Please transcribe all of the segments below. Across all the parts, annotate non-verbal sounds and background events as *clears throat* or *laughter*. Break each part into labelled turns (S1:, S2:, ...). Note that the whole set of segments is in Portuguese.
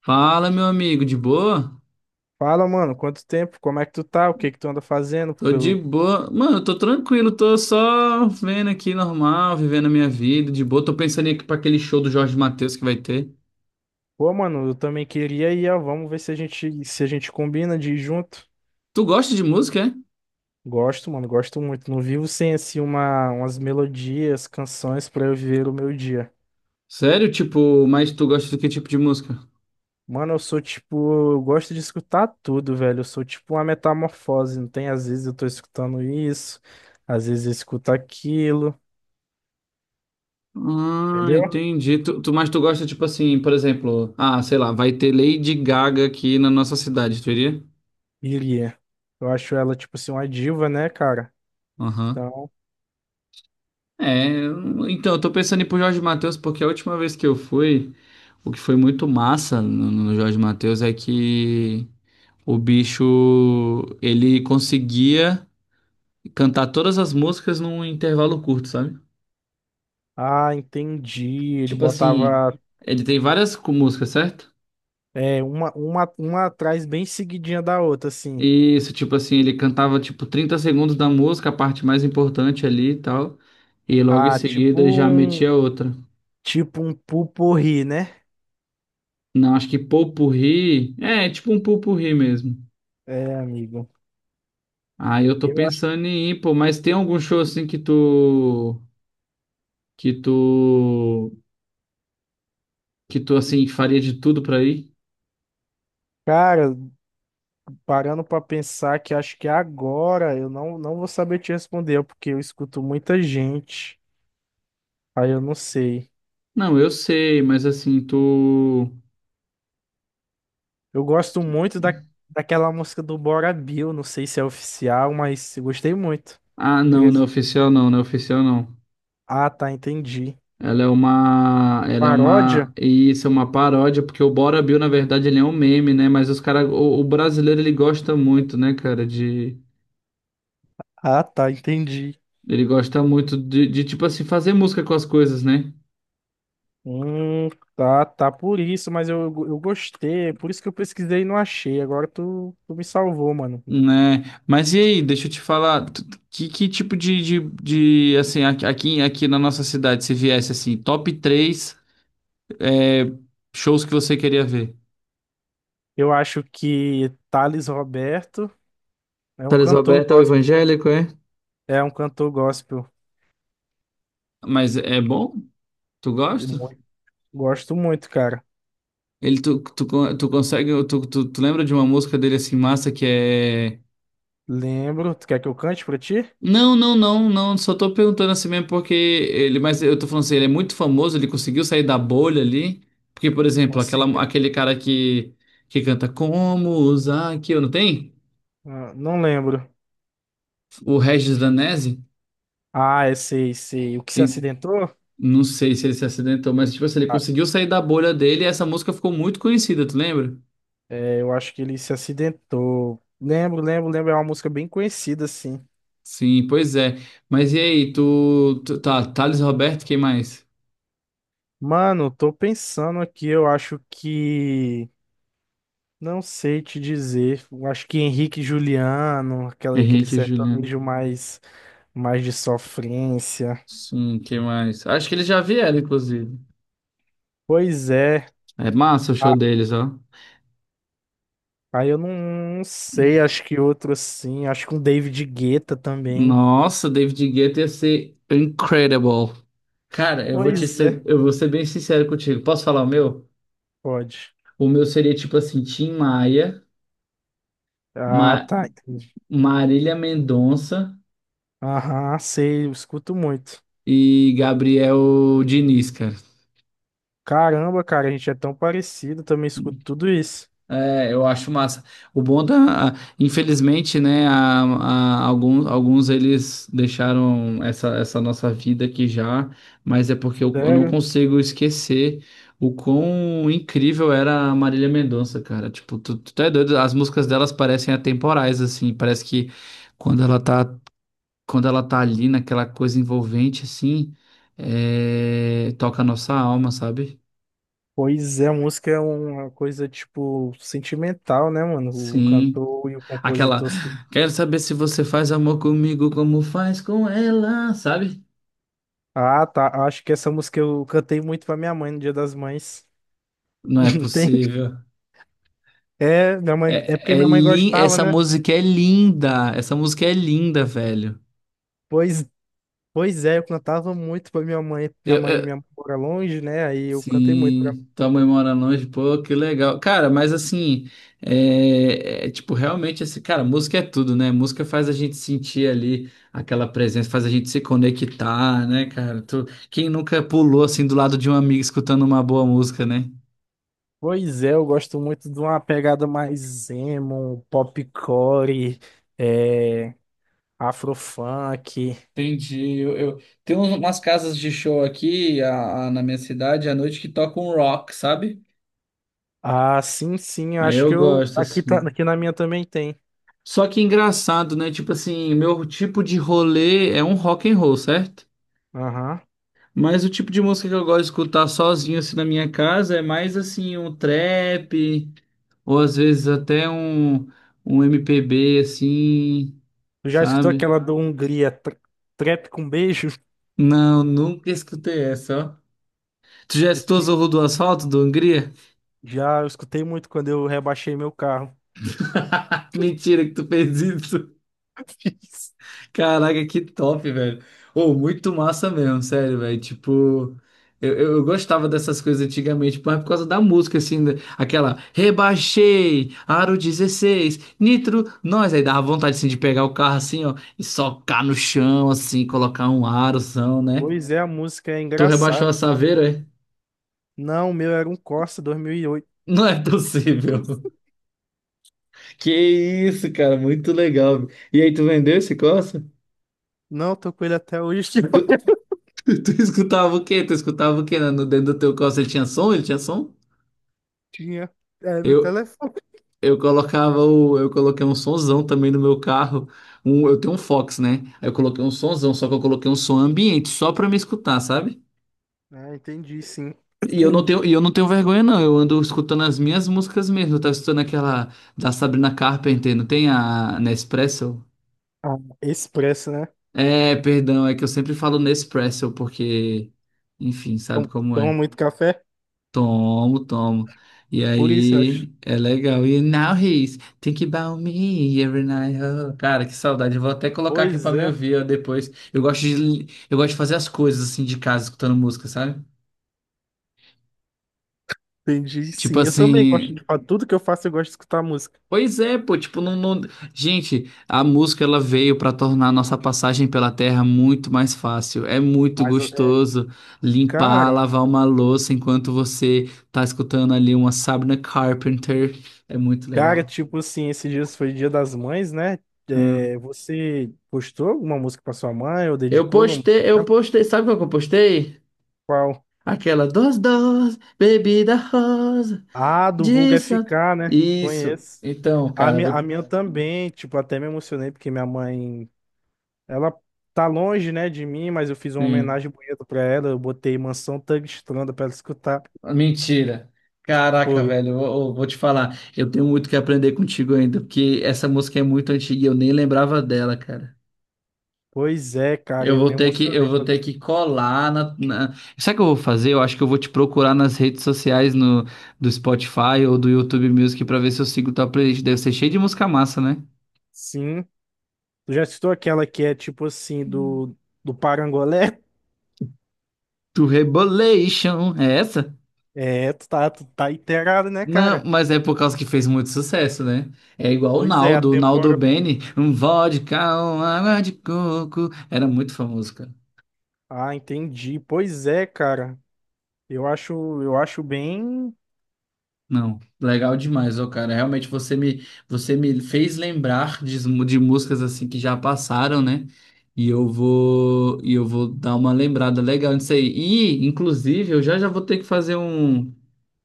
S1: Fala, meu amigo, de boa?
S2: Fala, mano, quanto tempo? Como é que tu tá? O que que tu anda fazendo?
S1: Tô de boa. Mano, eu tô tranquilo, tô só vendo aqui normal, vivendo a minha vida, de boa. Tô pensando aqui pra aquele show do Jorge Mateus que vai ter.
S2: Pô, mano, eu também queria ir, ó. Vamos ver se a gente combina de ir junto.
S1: Tu gosta de música, é?
S2: Gosto, mano, gosto muito. Não vivo sem, assim, umas melodias, canções pra eu viver o meu dia.
S1: Sério? Tipo, mas tu gosta do que tipo de música?
S2: Mano, eu sou tipo, eu gosto de escutar tudo, velho. Eu sou tipo uma metamorfose, não tem? Às vezes eu tô escutando isso, às vezes eu escuto aquilo,
S1: Ah,
S2: entendeu?
S1: entendi. Mas tu gosta, tipo assim, por exemplo, ah, sei lá, vai ter Lady Gaga aqui na nossa cidade, tu iria?
S2: Iria. Eu acho ela, tipo assim, uma diva, né, cara?
S1: Aham.
S2: Então.
S1: Então, eu tô pensando em ir pro Jorge Mateus porque a última vez que eu fui, o que foi muito massa no Jorge Mateus é que o bicho, ele conseguia cantar todas as músicas num intervalo curto, sabe?
S2: Ah, entendi. Ele
S1: Tipo assim,
S2: botava
S1: ele tem várias músicas, certo?
S2: é, uma atrás bem seguidinha da outra, assim.
S1: Isso, tipo assim, ele cantava tipo 30 segundos da música, a parte mais importante ali e tal, e logo em
S2: Ah, tipo
S1: seguida já
S2: um,
S1: metia outra.
S2: tipo um pupurri, né?
S1: Não, acho que Popurrí, é, tipo um Popurrí mesmo.
S2: É, amigo.
S1: Ah, eu tô
S2: Eu acho,
S1: pensando em ir, pô, mas tem algum show assim que tu que tu assim faria de tudo pra ir?
S2: cara, parando pra pensar que acho que agora eu não vou saber te responder, porque eu escuto muita gente. Aí eu não sei.
S1: Não, eu sei, mas assim, tu.
S2: Eu gosto muito daquela música do Bora Bill, não sei se é oficial, mas eu gostei muito.
S1: Ah, não,
S2: Queria-
S1: não é oficial não, não é oficial não.
S2: Ah, tá, entendi.
S1: Ela é uma
S2: Paródia?
S1: isso é uma paródia porque o Bora Bill na verdade ele é um meme, né? Mas os cara o brasileiro ele gosta muito, né, cara, de,
S2: Ah, tá, entendi.
S1: ele gosta muito de tipo assim fazer música com as coisas, né?
S2: Hum, tá, tá por isso, mas eu gostei, por isso que eu pesquisei e não achei. Agora tu me salvou, mano.
S1: Né? Mas e aí, deixa eu te falar, que tipo de, assim, aqui, aqui na nossa cidade, se viesse assim, top três, é, shows que você queria ver?
S2: Eu acho que Thales Roberto é um
S1: Thales
S2: cantor
S1: Roberto é o
S2: gospel.
S1: evangélico, é?
S2: É um cantor gospel.
S1: Mas é bom? Tu
S2: E
S1: gosta?
S2: muito- Gosto muito, cara.
S1: Ele, tu consegue, tu lembra de uma música dele assim, massa, que é.
S2: Lembro. Tu quer que eu cante pra ti?
S1: Não. Só tô perguntando assim mesmo porque ele, mas eu tô falando assim, ele é muito famoso, ele conseguiu sair da bolha ali. Porque, por exemplo,
S2: Consegui.
S1: aquele cara que canta Como usar aqui, não tem?
S2: Ah, não lembro.
S1: O Regis Danese.
S2: Ah, é, sei, sei. O que se
S1: E
S2: acidentou?
S1: não sei se ele se acidentou, mas tipo assim, ele
S2: Ah,
S1: conseguiu sair da bolha dele e essa música ficou muito conhecida, tu lembra?
S2: é, eu acho que ele se acidentou. Lembro, lembro, lembro. É uma música bem conhecida, assim.
S1: Sim, pois é. Mas e aí, tu tá, Thales Roberto, quem mais?
S2: Mano, tô pensando aqui, eu acho que. Não sei te dizer. Eu acho que Henrique e Juliano, aquele
S1: Henrique e Juliano.
S2: sertanejo mais de sofrência.
S1: Sim, quem mais? Acho que eles já vieram, inclusive.
S2: Pois é.
S1: É massa o show
S2: Ah,
S1: deles, ó.
S2: aí eu não sei, acho que outro assim. Acho que um David Guetta também.
S1: Nossa, David Guetta ia ser incredible. Cara,
S2: Pois é.
S1: eu vou ser bem sincero contigo. Posso falar o meu?
S2: Pode.
S1: O meu seria tipo assim, Tim Maia,
S2: Ah,
S1: Ma-
S2: tá. Entendi.
S1: Marília Mendonça
S2: Aham, sei, eu escuto muito.
S1: e Gabriel Diniz, cara.
S2: Caramba, cara, a gente é tão parecido, também escuto tudo isso.
S1: É, eu acho massa. O bom da, infelizmente, né, alguns, alguns eles deixaram essa nossa vida aqui já, mas é porque eu não
S2: Sério?
S1: consigo esquecer o quão incrível era a Marília Mendonça, cara. Tipo, tu é doido, as músicas delas parecem atemporais, assim, parece que quando ela tá, quando ela tá ali naquela coisa envolvente, assim, é, toca a nossa alma, sabe?
S2: Pois é, música é uma coisa, tipo, sentimental, né, mano? O
S1: Sim.
S2: cantor e o
S1: Aquela,
S2: compositor.
S1: quero saber se você faz amor comigo como faz com ela, sabe?
S2: Ah, tá. Acho que essa música eu cantei muito pra minha mãe no Dia das Mães. *laughs*
S1: Não é
S2: Não tem?
S1: possível.
S2: É, minha mãe, é porque
S1: É, é
S2: minha mãe
S1: lin...
S2: gostava,
S1: Essa
S2: né?
S1: música é linda. Essa música é linda, velho.
S2: Pois, pois é, eu cantava muito pra minha mãe. Minha
S1: Eu,
S2: mãe, minha
S1: eu-
S2: mãe mora longe, né? Aí eu cantei muito pra.
S1: Sim, tua mãe mora longe, pô, que legal. Cara, mas assim, tipo, realmente, esse, cara, música é tudo, né? Música faz a gente sentir ali aquela presença, faz a gente se conectar, né, cara? Tu, quem nunca pulou assim do lado de um amigo escutando uma boa música, né?
S2: Pois é, eu gosto muito de uma pegada mais emo, popcore, é, afrofunk.
S1: Entendi. Tem umas casas de show aqui na minha cidade à noite que tocam rock, sabe?
S2: Ah, sim, sim, eu
S1: Aí
S2: acho que
S1: eu
S2: eu
S1: gosto,
S2: aqui tá,
S1: assim.
S2: aqui na minha também tem.
S1: Só que engraçado, né? Tipo assim, meu tipo de rolê é um rock and roll, certo?
S2: Aham.
S1: Mas o tipo de música que eu gosto de escutar sozinho, assim, na minha casa é mais, assim, um trap, ou às vezes até um MPB, assim,
S2: Tu já escutou
S1: sabe?
S2: aquela do Hungria, trap com beijo?
S1: Não, nunca escutei essa, ó. Tu já escutou
S2: *laughs*
S1: Zorro do Asfalto, do Hungria?
S2: Já eu escutei muito quando eu rebaixei meu carro.
S1: *laughs* Mentira que tu fez isso.
S2: *laughs*
S1: Caraca, que top, velho. Ô, muito massa mesmo, sério, velho. Tipo, eu gostava dessas coisas antigamente, mas por causa da música, assim, da- aquela rebaixei, aro 16, nitro, nós. Aí dava vontade, assim, de pegar o carro, assim, ó, e socar no chão, assim, colocar um arozão, né?
S2: Pois é, a música é
S1: Tu rebaixou a
S2: engraçada.
S1: Saveiro, é?
S2: Não, o meu era um Corsa 2008.
S1: Não é possível. *laughs* Que isso, cara, muito legal. E aí, tu vendeu esse Corsa?
S2: Não, tô com ele até hoje.
S1: Tu, *laughs*
S2: *laughs*
S1: tu escutava o quê? Tu escutava o quê, né? No dentro do teu Corsa ele tinha som? Ele tinha som?
S2: Tinha. É meu
S1: Eu,
S2: telefone.
S1: eu coloquei um sonzão também no meu carro. Um, eu tenho um Fox, né? Aí eu coloquei um sonzão, só que eu coloquei um som ambiente só pra me escutar, sabe?
S2: Ah, entendi, sim.
S1: E eu não
S2: *clears throat*
S1: tenho, e eu não tenho vergonha não. Eu ando escutando as minhas músicas mesmo. Eu tava escutando aquela da Sabrina Carpenter, não tem a Nespresso?
S2: Ah, expresso, né?
S1: É, perdão, é que eu sempre falo Nespresso porque enfim, sabe como
S2: Toma
S1: é.
S2: muito café?
S1: Tomo, tomo. E
S2: Por isso, eu acho.
S1: aí, é legal. E now he's think about me every night. Oh. Cara, que saudade. Eu vou até colocar aqui pra
S2: Pois
S1: me
S2: é,
S1: ouvir ó, depois. Eu gosto de fazer as coisas assim de casa, escutando música, sabe?
S2: entendi,
S1: Tipo
S2: sim. Eu também gosto
S1: assim.
S2: de falar. Tudo que eu faço, eu gosto de escutar música.
S1: Pois é, pô. Tipo, não, não... Gente, a música ela veio pra tornar a nossa passagem pela terra muito mais fácil. É muito
S2: Mas, é,
S1: gostoso limpar,
S2: cara,
S1: lavar uma louça enquanto você tá escutando ali uma Sabrina Carpenter. É muito
S2: cara,
S1: legal.
S2: tipo assim, esses dias foi Dia das Mães, né? É,
S1: Hum.
S2: você postou alguma música pra sua mãe ou dedicou alguma música?
S1: Eu
S2: Pra
S1: postei, sabe qual que eu postei?
S2: qual?
S1: Aquela dos bebida rosa,
S2: Ah, do Vulga
S1: disso.
S2: FK, né?
S1: Isso.
S2: Conheço.
S1: Então,
S2: A
S1: cara,
S2: minha, a
S1: vou...
S2: minha também, tipo, até me emocionei porque minha mãe, ela tá longe, né, de mim, mas eu fiz uma
S1: sim.
S2: homenagem bonita pra ela, eu botei Mansão Tangstranda pra ela escutar.
S1: Mentira. Caraca,
S2: Foi.
S1: velho, eu vou te falar. Eu tenho muito que aprender contigo ainda, porque essa música é muito antiga e eu nem lembrava dela, cara.
S2: Pois é, cara, eu me
S1: Eu
S2: emocionei.
S1: vou
S2: Falei,
S1: ter que colar na... Sabe o que eu vou fazer? Eu acho que eu vou te procurar nas redes sociais no, do Spotify ou do YouTube Music pra ver se eu sigo tua playlist. Deve ser cheio de música massa, né?
S2: sim. Tu já citou aquela que é tipo assim, do Parangolé?
S1: To Rebolation, é essa?
S2: É, tu tá inteirado, né,
S1: Não,
S2: cara?
S1: mas é por causa que fez muito sucesso, né? É igual
S2: Pois é, a
S1: O Naldo
S2: temporada.
S1: Bene, um vodka, uma água de coco, era muito famoso, cara.
S2: Ah, entendi. Pois é, cara. Eu acho, eu acho bem,
S1: Não, legal demais, ó, cara. Realmente você me fez lembrar de músicas assim que já passaram, né? E eu vou dar uma lembrada legal nisso aí. E, inclusive, eu já já vou ter que fazer um,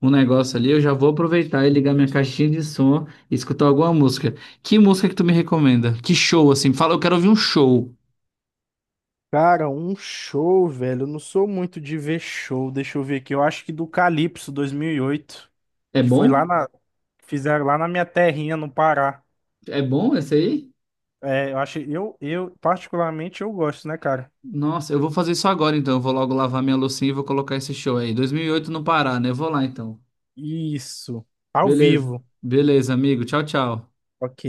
S1: um negócio ali. Eu já vou aproveitar e ligar minha caixinha de som e escutar alguma música. Que música que tu me recomenda? Que show, assim? Fala, eu quero ouvir um show.
S2: cara, um show, velho. Eu não sou muito de ver show. Deixa eu ver aqui. Eu acho que do Calypso 2008,
S1: É
S2: que foi
S1: bom?
S2: fizeram lá na minha terrinha, no Pará.
S1: É bom esse aí?
S2: É, eu acho, eu particularmente eu gosto, né, cara?
S1: Nossa, eu vou fazer isso agora então. Eu vou logo lavar minha loucinha e vou colocar esse show aí. 2008 no Pará, né? Eu vou lá então.
S2: Isso. Ao
S1: Beleza.
S2: vivo.
S1: Beleza, amigo. Tchau, tchau.
S2: Ok.